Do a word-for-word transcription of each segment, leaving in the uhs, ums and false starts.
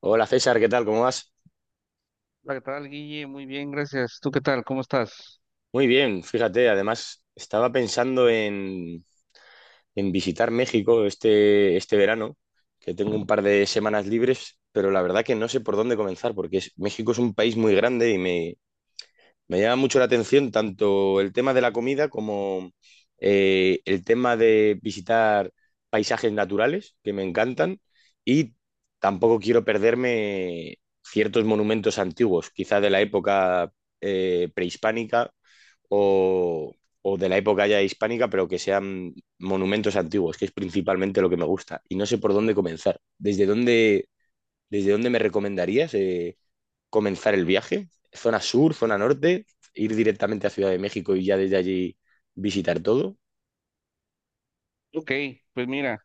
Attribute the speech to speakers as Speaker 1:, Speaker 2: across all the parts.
Speaker 1: Hola César, ¿qué tal? ¿Cómo vas?
Speaker 2: Hola, ¿qué tal, Guille? Muy bien, gracias. ¿Tú qué tal? ¿Cómo estás?
Speaker 1: Muy bien, fíjate, además estaba pensando en, en visitar México este, este verano, que tengo un par de semanas libres, pero la verdad que no sé por dónde comenzar, porque es- México es un país muy grande y me, me llama mucho la atención tanto el tema de la comida como eh, el tema de visitar paisajes naturales, que me encantan, y tampoco quiero perderme ciertos monumentos antiguos, quizá de la época eh, prehispánica o, o de la época ya hispánica, pero que sean monumentos antiguos, que es principalmente lo que me gusta. Y no sé por dónde comenzar. ¿Desde dónde, desde dónde me recomendarías eh, comenzar el viaje? ¿Zona sur, zona norte? ¿Ir directamente a Ciudad de México y ya desde allí visitar todo?
Speaker 2: Ok, pues mira,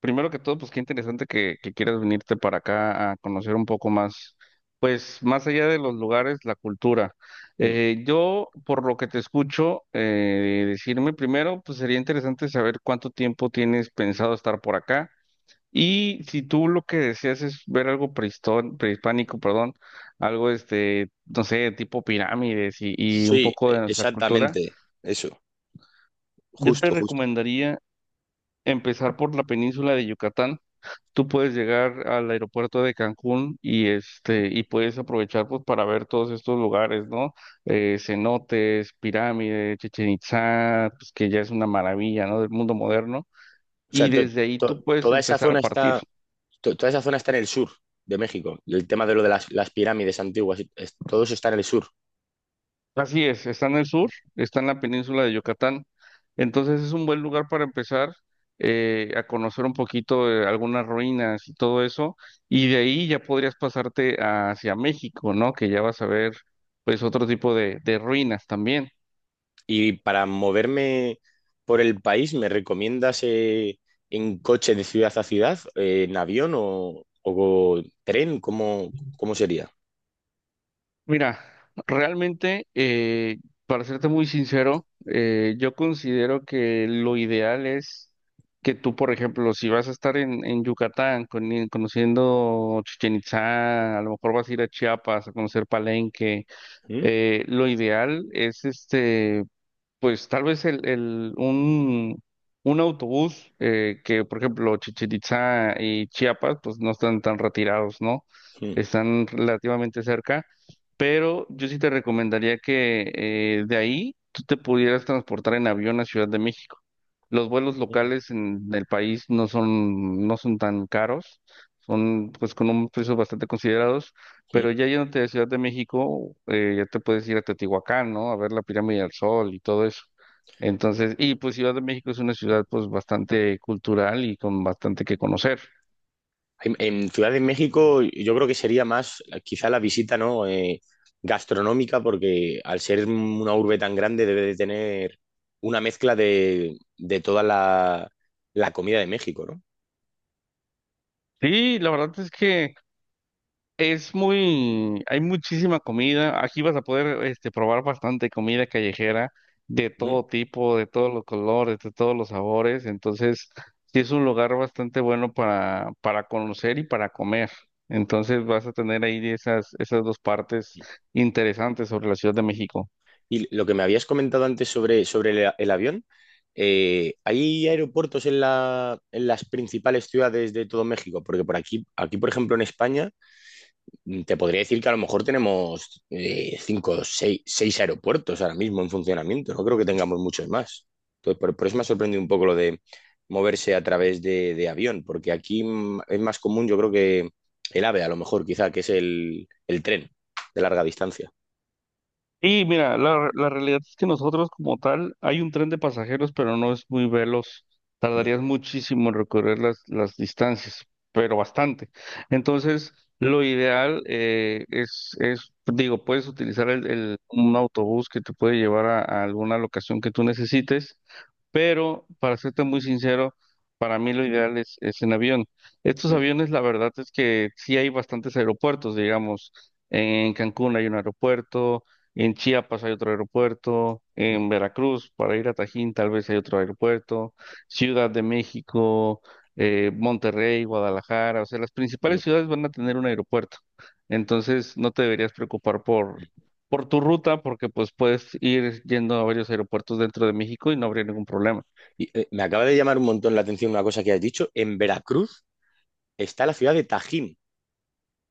Speaker 2: primero que todo, pues qué interesante que, que quieras venirte para acá a conocer un poco más, pues más allá de los lugares, la cultura.
Speaker 1: Mm.
Speaker 2: Eh, yo, por lo que te escucho eh, decirme, primero, pues sería interesante saber cuánto tiempo tienes pensado estar por acá y si tú lo que deseas es ver algo prehistó- prehispánico, perdón, algo este, no sé, tipo pirámides y, y un
Speaker 1: Sí,
Speaker 2: poco
Speaker 1: e-
Speaker 2: de nuestra cultura.
Speaker 1: exactamente. Eso,
Speaker 2: Yo te
Speaker 1: justo, justo.
Speaker 2: recomendaría empezar por la península de Yucatán. Tú puedes llegar al aeropuerto de Cancún y este y puedes aprovechar pues para ver todos estos lugares, ¿no? Eh, cenotes, pirámides, Chichén Itzá, pues que ya es una maravilla, ¿no? Del mundo moderno.
Speaker 1: O sea,
Speaker 2: Y
Speaker 1: to-
Speaker 2: desde ahí
Speaker 1: to-
Speaker 2: tú puedes
Speaker 1: toda esa
Speaker 2: empezar
Speaker 1: zona
Speaker 2: a
Speaker 1: está,
Speaker 2: partir.
Speaker 1: to- toda esa zona está en el sur de México. El tema de lo de las, las pirámides antiguas, es- todo eso está en el sur.
Speaker 2: Así es, está en el sur, está en la península de Yucatán. Entonces es un buen lugar para empezar eh, a conocer un poquito de algunas ruinas y todo eso. Y de ahí ya podrías pasarte hacia México, ¿no? Que ya vas a ver pues otro tipo de, de ruinas también.
Speaker 1: Y para moverme por el país, ¿me recomiendas eh, en coche de ciudad a ciudad, eh, en avión o, o tren? ¿Cómo, cómo sería?
Speaker 2: Mira, realmente, eh, para serte muy sincero, eh, yo considero que lo ideal es que tú, por ejemplo, si vas a estar en, en Yucatán con- en- conociendo Chichén Itzá, a lo mejor vas a ir a Chiapas a conocer Palenque,
Speaker 1: ¿Mm?
Speaker 2: eh, lo ideal es este pues tal vez el, el, un, un autobús eh, que, por ejemplo, Chichén Itzá y Chiapas, pues no están tan retirados, ¿no?
Speaker 1: ¿Mm?
Speaker 2: Están relativamente cerca, pero yo sí te recomendaría que eh, de ahí tú te pudieras transportar en avión a Ciudad de México. Los vuelos locales en el país no son, no son tan caros, son pues con un precio bastante considerados,
Speaker 1: ¿Mm?
Speaker 2: pero ya yéndote de Ciudad de México, eh, ya te puedes ir a Teotihuacán, ¿no? A ver la pirámide del Sol y todo eso. Entonces, y pues Ciudad de México es una ciudad pues bastante cultural y con bastante que conocer.
Speaker 1: En, en Ciudad de México yo creo que sería más quizá la visita, ¿no? eh, gastronómica, porque al ser una urbe tan grande debe de tener una mezcla de, de toda la, la comida de México, ¿no?
Speaker 2: Sí, la verdad es que es muy, hay muchísima comida. Aquí vas a poder este, probar bastante comida callejera de
Speaker 1: ¿Mm?
Speaker 2: todo tipo, de todos los colores, de todos los sabores. Entonces, sí es un lugar bastante bueno para, para conocer y para comer. Entonces, vas a tener ahí esas, esas dos partes interesantes sobre la Ciudad de México.
Speaker 1: Y lo que me habías comentado antes sobre, sobre el, el avión, eh, ¿hay aeropuertos en la- en las principales ciudades de todo México? Porque por aquí, aquí, por ejemplo, en España, mm, te podría decir que a lo mejor tenemos eh, cinco, o seis, seis aeropuertos ahora mismo en funcionamiento. No creo que tengamos muchos más. Entonces, por, por eso me ha sorprendido un poco lo de moverse a través de, de avión, porque aquí mm, es más común, yo creo que el AVE, a lo mejor, quizá, que es el, el tren de larga distancia.
Speaker 2: Y mira, la, la realidad es que nosotros como tal, hay un tren de pasajeros, pero no es muy veloz. Tardarías muchísimo en recorrer las, las distancias, pero bastante. Entonces, lo ideal eh, es, es, digo, puedes utilizar el, el- un autobús que te puede llevar a, a alguna locación que tú necesites pero para serte muy sincero, para mí lo ideal es, es en avión. Estos
Speaker 1: Mm,
Speaker 2: aviones, la verdad es que sí hay bastantes aeropuertos, digamos, en Cancún hay un aeropuerto, en Chiapas hay otro aeropuerto,
Speaker 1: mm,
Speaker 2: en Veracruz, para ir a Tajín tal vez hay otro aeropuerto, Ciudad de México, eh, Monterrey, Guadalajara, o sea, las
Speaker 1: mm.
Speaker 2: principales ciudades van a tener un aeropuerto. Entonces, no te deberías preocupar por
Speaker 1: Mm.
Speaker 2: por tu ruta porque pues puedes ir yendo a varios aeropuertos dentro de México y no habría ningún problema.
Speaker 1: Y, eh, me acaba de llamar un montón la atención una cosa que has dicho. En Veracruz está la ciudad de Tajín.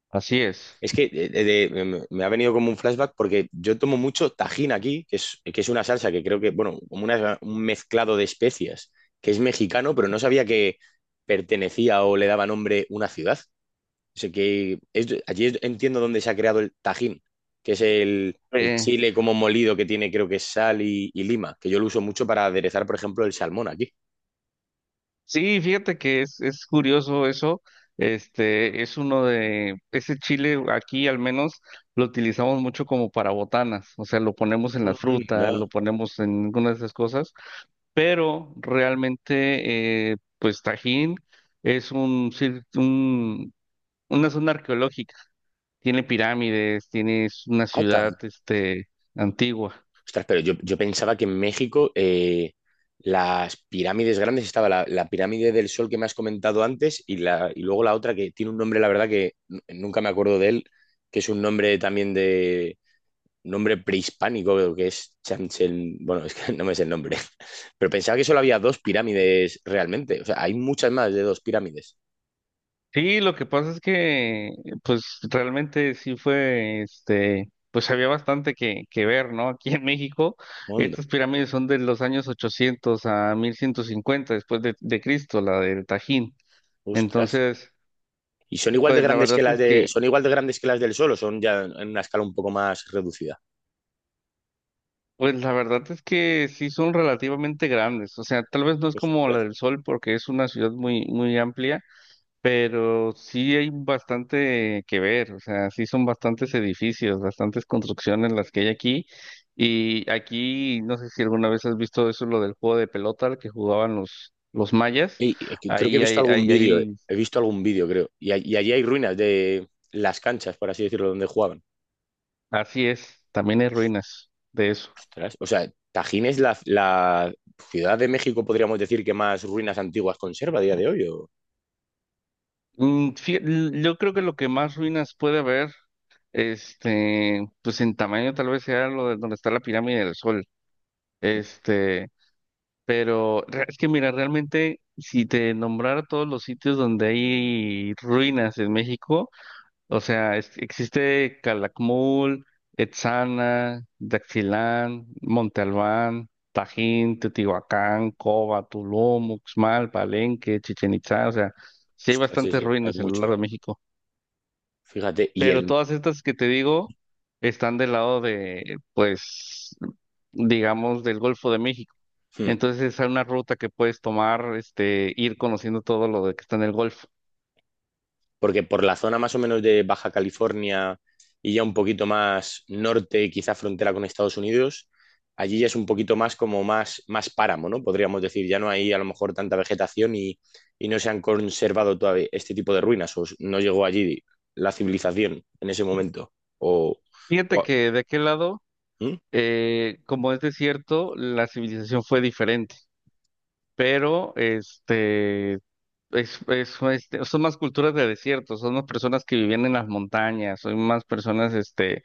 Speaker 2: Así es.
Speaker 1: Es que eh, de- de- me me ha venido como un flashback porque yo tomo mucho Tajín aquí, que es, que es una salsa que creo que, bueno, como una- un mezclado de especias, que es mexicano, pero no sabía que pertenecía o le daba nombre una ciudad. O sea que es- allí es- entiendo dónde se ha creado el Tajín, que es el, el
Speaker 2: Eh,
Speaker 1: chile como molido que tiene, creo que es sal y, y lima, que yo lo uso mucho para aderezar, por ejemplo, el salmón aquí.
Speaker 2: sí, fíjate que es, es curioso eso. Este es uno de ese chile aquí al menos lo utilizamos mucho como para botanas, o sea, lo ponemos en la
Speaker 1: Anda.
Speaker 2: fruta, lo ponemos en algunas de esas cosas, pero realmente eh, pues Tajín es un, cir- un una zona arqueológica. Tiene pirámides, tienes una
Speaker 1: Ah.
Speaker 2: ciudad, este, antigua.
Speaker 1: Ostras, pero yo, yo pensaba que en México eh, las pirámides grandes estaba la, la pirámide del Sol que me has comentado antes y, la, y luego la otra que tiene un nombre, la verdad que n- nunca me acuerdo de él, que es un nombre también de un nombre prehispánico, que es Chanchel, bueno, es que no me sé el nombre, pero pensaba que solo había dos pirámides realmente, o sea, hay muchas más de dos pirámides.
Speaker 2: Sí, lo que pasa es que, pues, realmente sí fue, este, pues había bastante que, que ver, ¿no? Aquí en México,
Speaker 1: Mundo,
Speaker 2: estas pirámides son de los años ochocientos a mil ciento cincuenta después de, de Cristo, la del Tajín.
Speaker 1: ostras.
Speaker 2: Entonces,
Speaker 1: ¿Y son igual de
Speaker 2: pues la
Speaker 1: grandes que
Speaker 2: verdad
Speaker 1: las
Speaker 2: es
Speaker 1: de,
Speaker 2: que,
Speaker 1: son igual de grandes que las del Sol o son ya en una escala un poco más reducida?
Speaker 2: pues la verdad es que sí son relativamente grandes. O sea, tal vez no es como la
Speaker 1: Ostras.
Speaker 2: del Sol porque es una ciudad muy, muy amplia pero sí hay bastante que ver, o sea, sí son bastantes edificios, bastantes construcciones las que hay aquí. Y aquí, no sé si alguna vez has visto eso, lo del juego de pelota al que jugaban los, los mayas.
Speaker 1: Ey, eh, que creo que he
Speaker 2: Ahí,
Speaker 1: visto
Speaker 2: ahí,
Speaker 1: algún
Speaker 2: ahí,
Speaker 1: vídeo, eh.
Speaker 2: ahí,
Speaker 1: he visto algún vídeo, creo. Y, a- y allí hay ruinas de las canchas, por así decirlo, donde jugaban.
Speaker 2: así es, también hay ruinas de eso.
Speaker 1: Ostras, o sea, Tajín es la, la ciudad de México, podríamos decir, que más ruinas antiguas conserva a día de hoy. ¿O?
Speaker 2: Mm, fí- l- yo creo que lo que más ruinas puede haber, este, pues en tamaño tal vez sea lo de donde está la pirámide del Sol.
Speaker 1: Mm.
Speaker 2: Este, pero re- es que mira, realmente si te nombrara todos los sitios donde hay ruinas en México, o sea, es- existe Calakmul, Etzana, Daxilán, Monte Albán, Tajín, Teotihuacán, Cova, Tulum, Uxmal, Palenque, Chichen Itzá, o sea, sí hay
Speaker 1: Ostras, sí,
Speaker 2: bastantes
Speaker 1: sí, hay
Speaker 2: ruinas en lo
Speaker 1: mucho,
Speaker 2: largo
Speaker 1: ¿no?
Speaker 2: de México.
Speaker 1: Fíjate, y
Speaker 2: Pero
Speaker 1: el...
Speaker 2: todas estas que te digo están del lado de, pues, digamos, del Golfo de México.
Speaker 1: Hmm.
Speaker 2: Entonces es una ruta que puedes tomar, este, ir conociendo todo lo de que está en el Golfo.
Speaker 1: Porque por la zona más o menos de Baja California y ya un poquito más norte, quizá frontera con Estados Unidos, allí ya es un poquito más como más, más páramo, ¿no? Podríamos decir, ya no hay a lo mejor tanta vegetación y, y no se han conservado todavía este tipo de ruinas, o no llegó allí la civilización en ese momento, o...
Speaker 2: Fíjate
Speaker 1: O
Speaker 2: que de aquel lado,
Speaker 1: ¿hmm?
Speaker 2: eh, como es desierto, la civilización fue diferente, pero este, es, es- este, son más culturas de desierto, son más personas que vivían en las montañas, son más personas, este,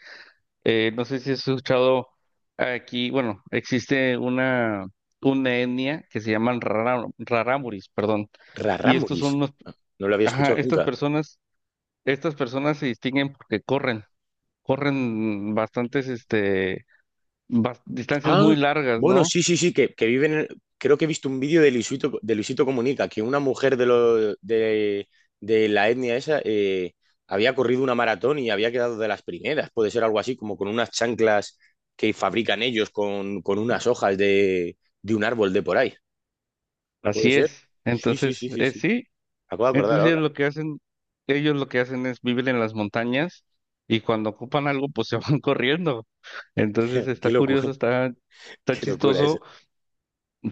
Speaker 2: eh, no sé si has escuchado aquí, bueno, existe una, una etnia que se llaman rara- raramuris, perdón, y estos son
Speaker 1: Rarámuris,
Speaker 2: unos,
Speaker 1: no lo había
Speaker 2: ajá,
Speaker 1: escuchado
Speaker 2: estas
Speaker 1: nunca.
Speaker 2: personas estas personas se distinguen porque corren, corren bastantes, este, bas- distancias
Speaker 1: Ah,
Speaker 2: muy largas,
Speaker 1: bueno,
Speaker 2: ¿no?
Speaker 1: sí, sí, sí, que, que viven en- Creo que he visto un vídeo de Luisito, de Luisito Comunica, que una mujer de, lo- de, de la etnia esa eh, había corrido una maratón y había quedado de las primeras. Puede ser algo así, como con unas chanclas que fabrican ellos con, con unas hojas de, de un árbol de por ahí. ¿Puede
Speaker 2: Así
Speaker 1: ser?
Speaker 2: es.
Speaker 1: Sí, sí,
Speaker 2: Entonces,
Speaker 1: sí, sí,
Speaker 2: eh,
Speaker 1: sí.
Speaker 2: sí,
Speaker 1: Acabo de acordar
Speaker 2: entonces
Speaker 1: ahora.
Speaker 2: ellos lo que hacen, ellos lo que hacen es vivir en las montañas y cuando ocupan algo, pues se van corriendo. Entonces está
Speaker 1: Qué locura,
Speaker 2: curioso, está, está
Speaker 1: qué locura eso.
Speaker 2: chistoso,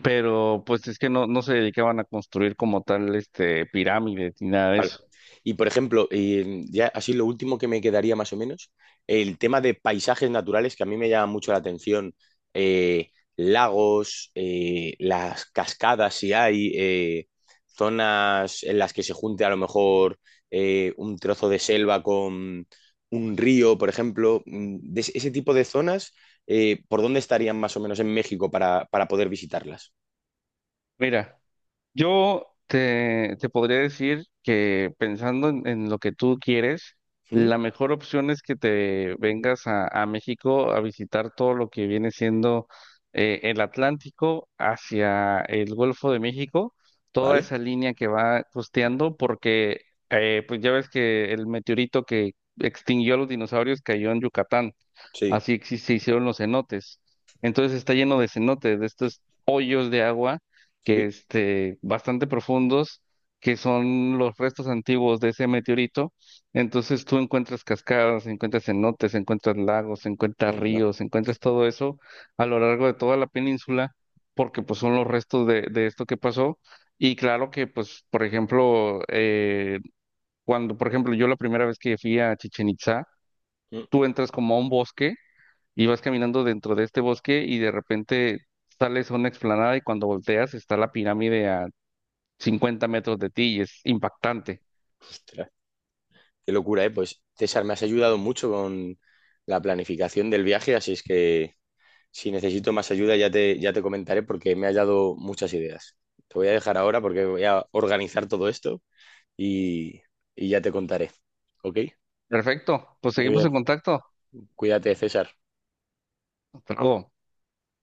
Speaker 2: pero pues es que no, no se dedicaban a construir como tal, este, pirámides ni nada de
Speaker 1: Vale.
Speaker 2: eso.
Speaker 1: Y por ejemplo, eh, ya así lo último que me quedaría más o menos, el tema de paisajes naturales que a mí me llama mucho la atención, eh, lagos, eh, las cascadas si hay, eh, zonas en las que se junte a lo mejor eh, un trozo de selva con un río, por ejemplo, mm, de ese ese tipo de zonas, eh, ¿por dónde estarían más o menos en México para, para poder visitarlas?
Speaker 2: Mira. Yo te, te podría decir que pensando en, en lo que tú quieres,
Speaker 1: ¿Mm?
Speaker 2: la mejor opción es que te vengas a, a México a visitar todo lo que viene siendo eh, el Atlántico hacia el Golfo de México, toda
Speaker 1: ¿Vale?
Speaker 2: esa línea que va costeando, porque eh, pues ya ves que el meteorito que extinguió a los dinosaurios cayó en Yucatán.
Speaker 1: Sí,
Speaker 2: Así exi- se hicieron los cenotes. Entonces está lleno de cenotes, de estos hoyos de agua
Speaker 1: sí.
Speaker 2: que este, bastante profundos, que son los restos antiguos de ese meteorito. Entonces tú encuentras cascadas, encuentras cenotes, encuentras lagos, encuentras
Speaker 1: Onda.
Speaker 2: ríos, encuentras todo eso a lo largo de toda la península, porque pues son los restos de, de esto que pasó. Y claro que pues, por ejemplo, eh, cuando, por ejemplo, yo la primera vez que fui a Chichen Itzá,
Speaker 1: Mm.
Speaker 2: tú entras como a un bosque y vas caminando dentro de este bosque y de repente sales a una explanada y cuando volteas está la pirámide a cincuenta metros de ti y es impactante.
Speaker 1: Ostras. Qué locura, ¿eh? Pues César, me has ayudado mucho con la planificación del viaje, así es que si necesito más ayuda ya te, ya te comentaré porque me has dado muchas ideas. Te voy a dejar ahora porque voy a organizar todo esto y, y ya te contaré. ¿Ok?
Speaker 2: Perfecto, pues
Speaker 1: Muy
Speaker 2: seguimos
Speaker 1: bien.
Speaker 2: en contacto.
Speaker 1: Cuídate, César.
Speaker 2: Hasta luego.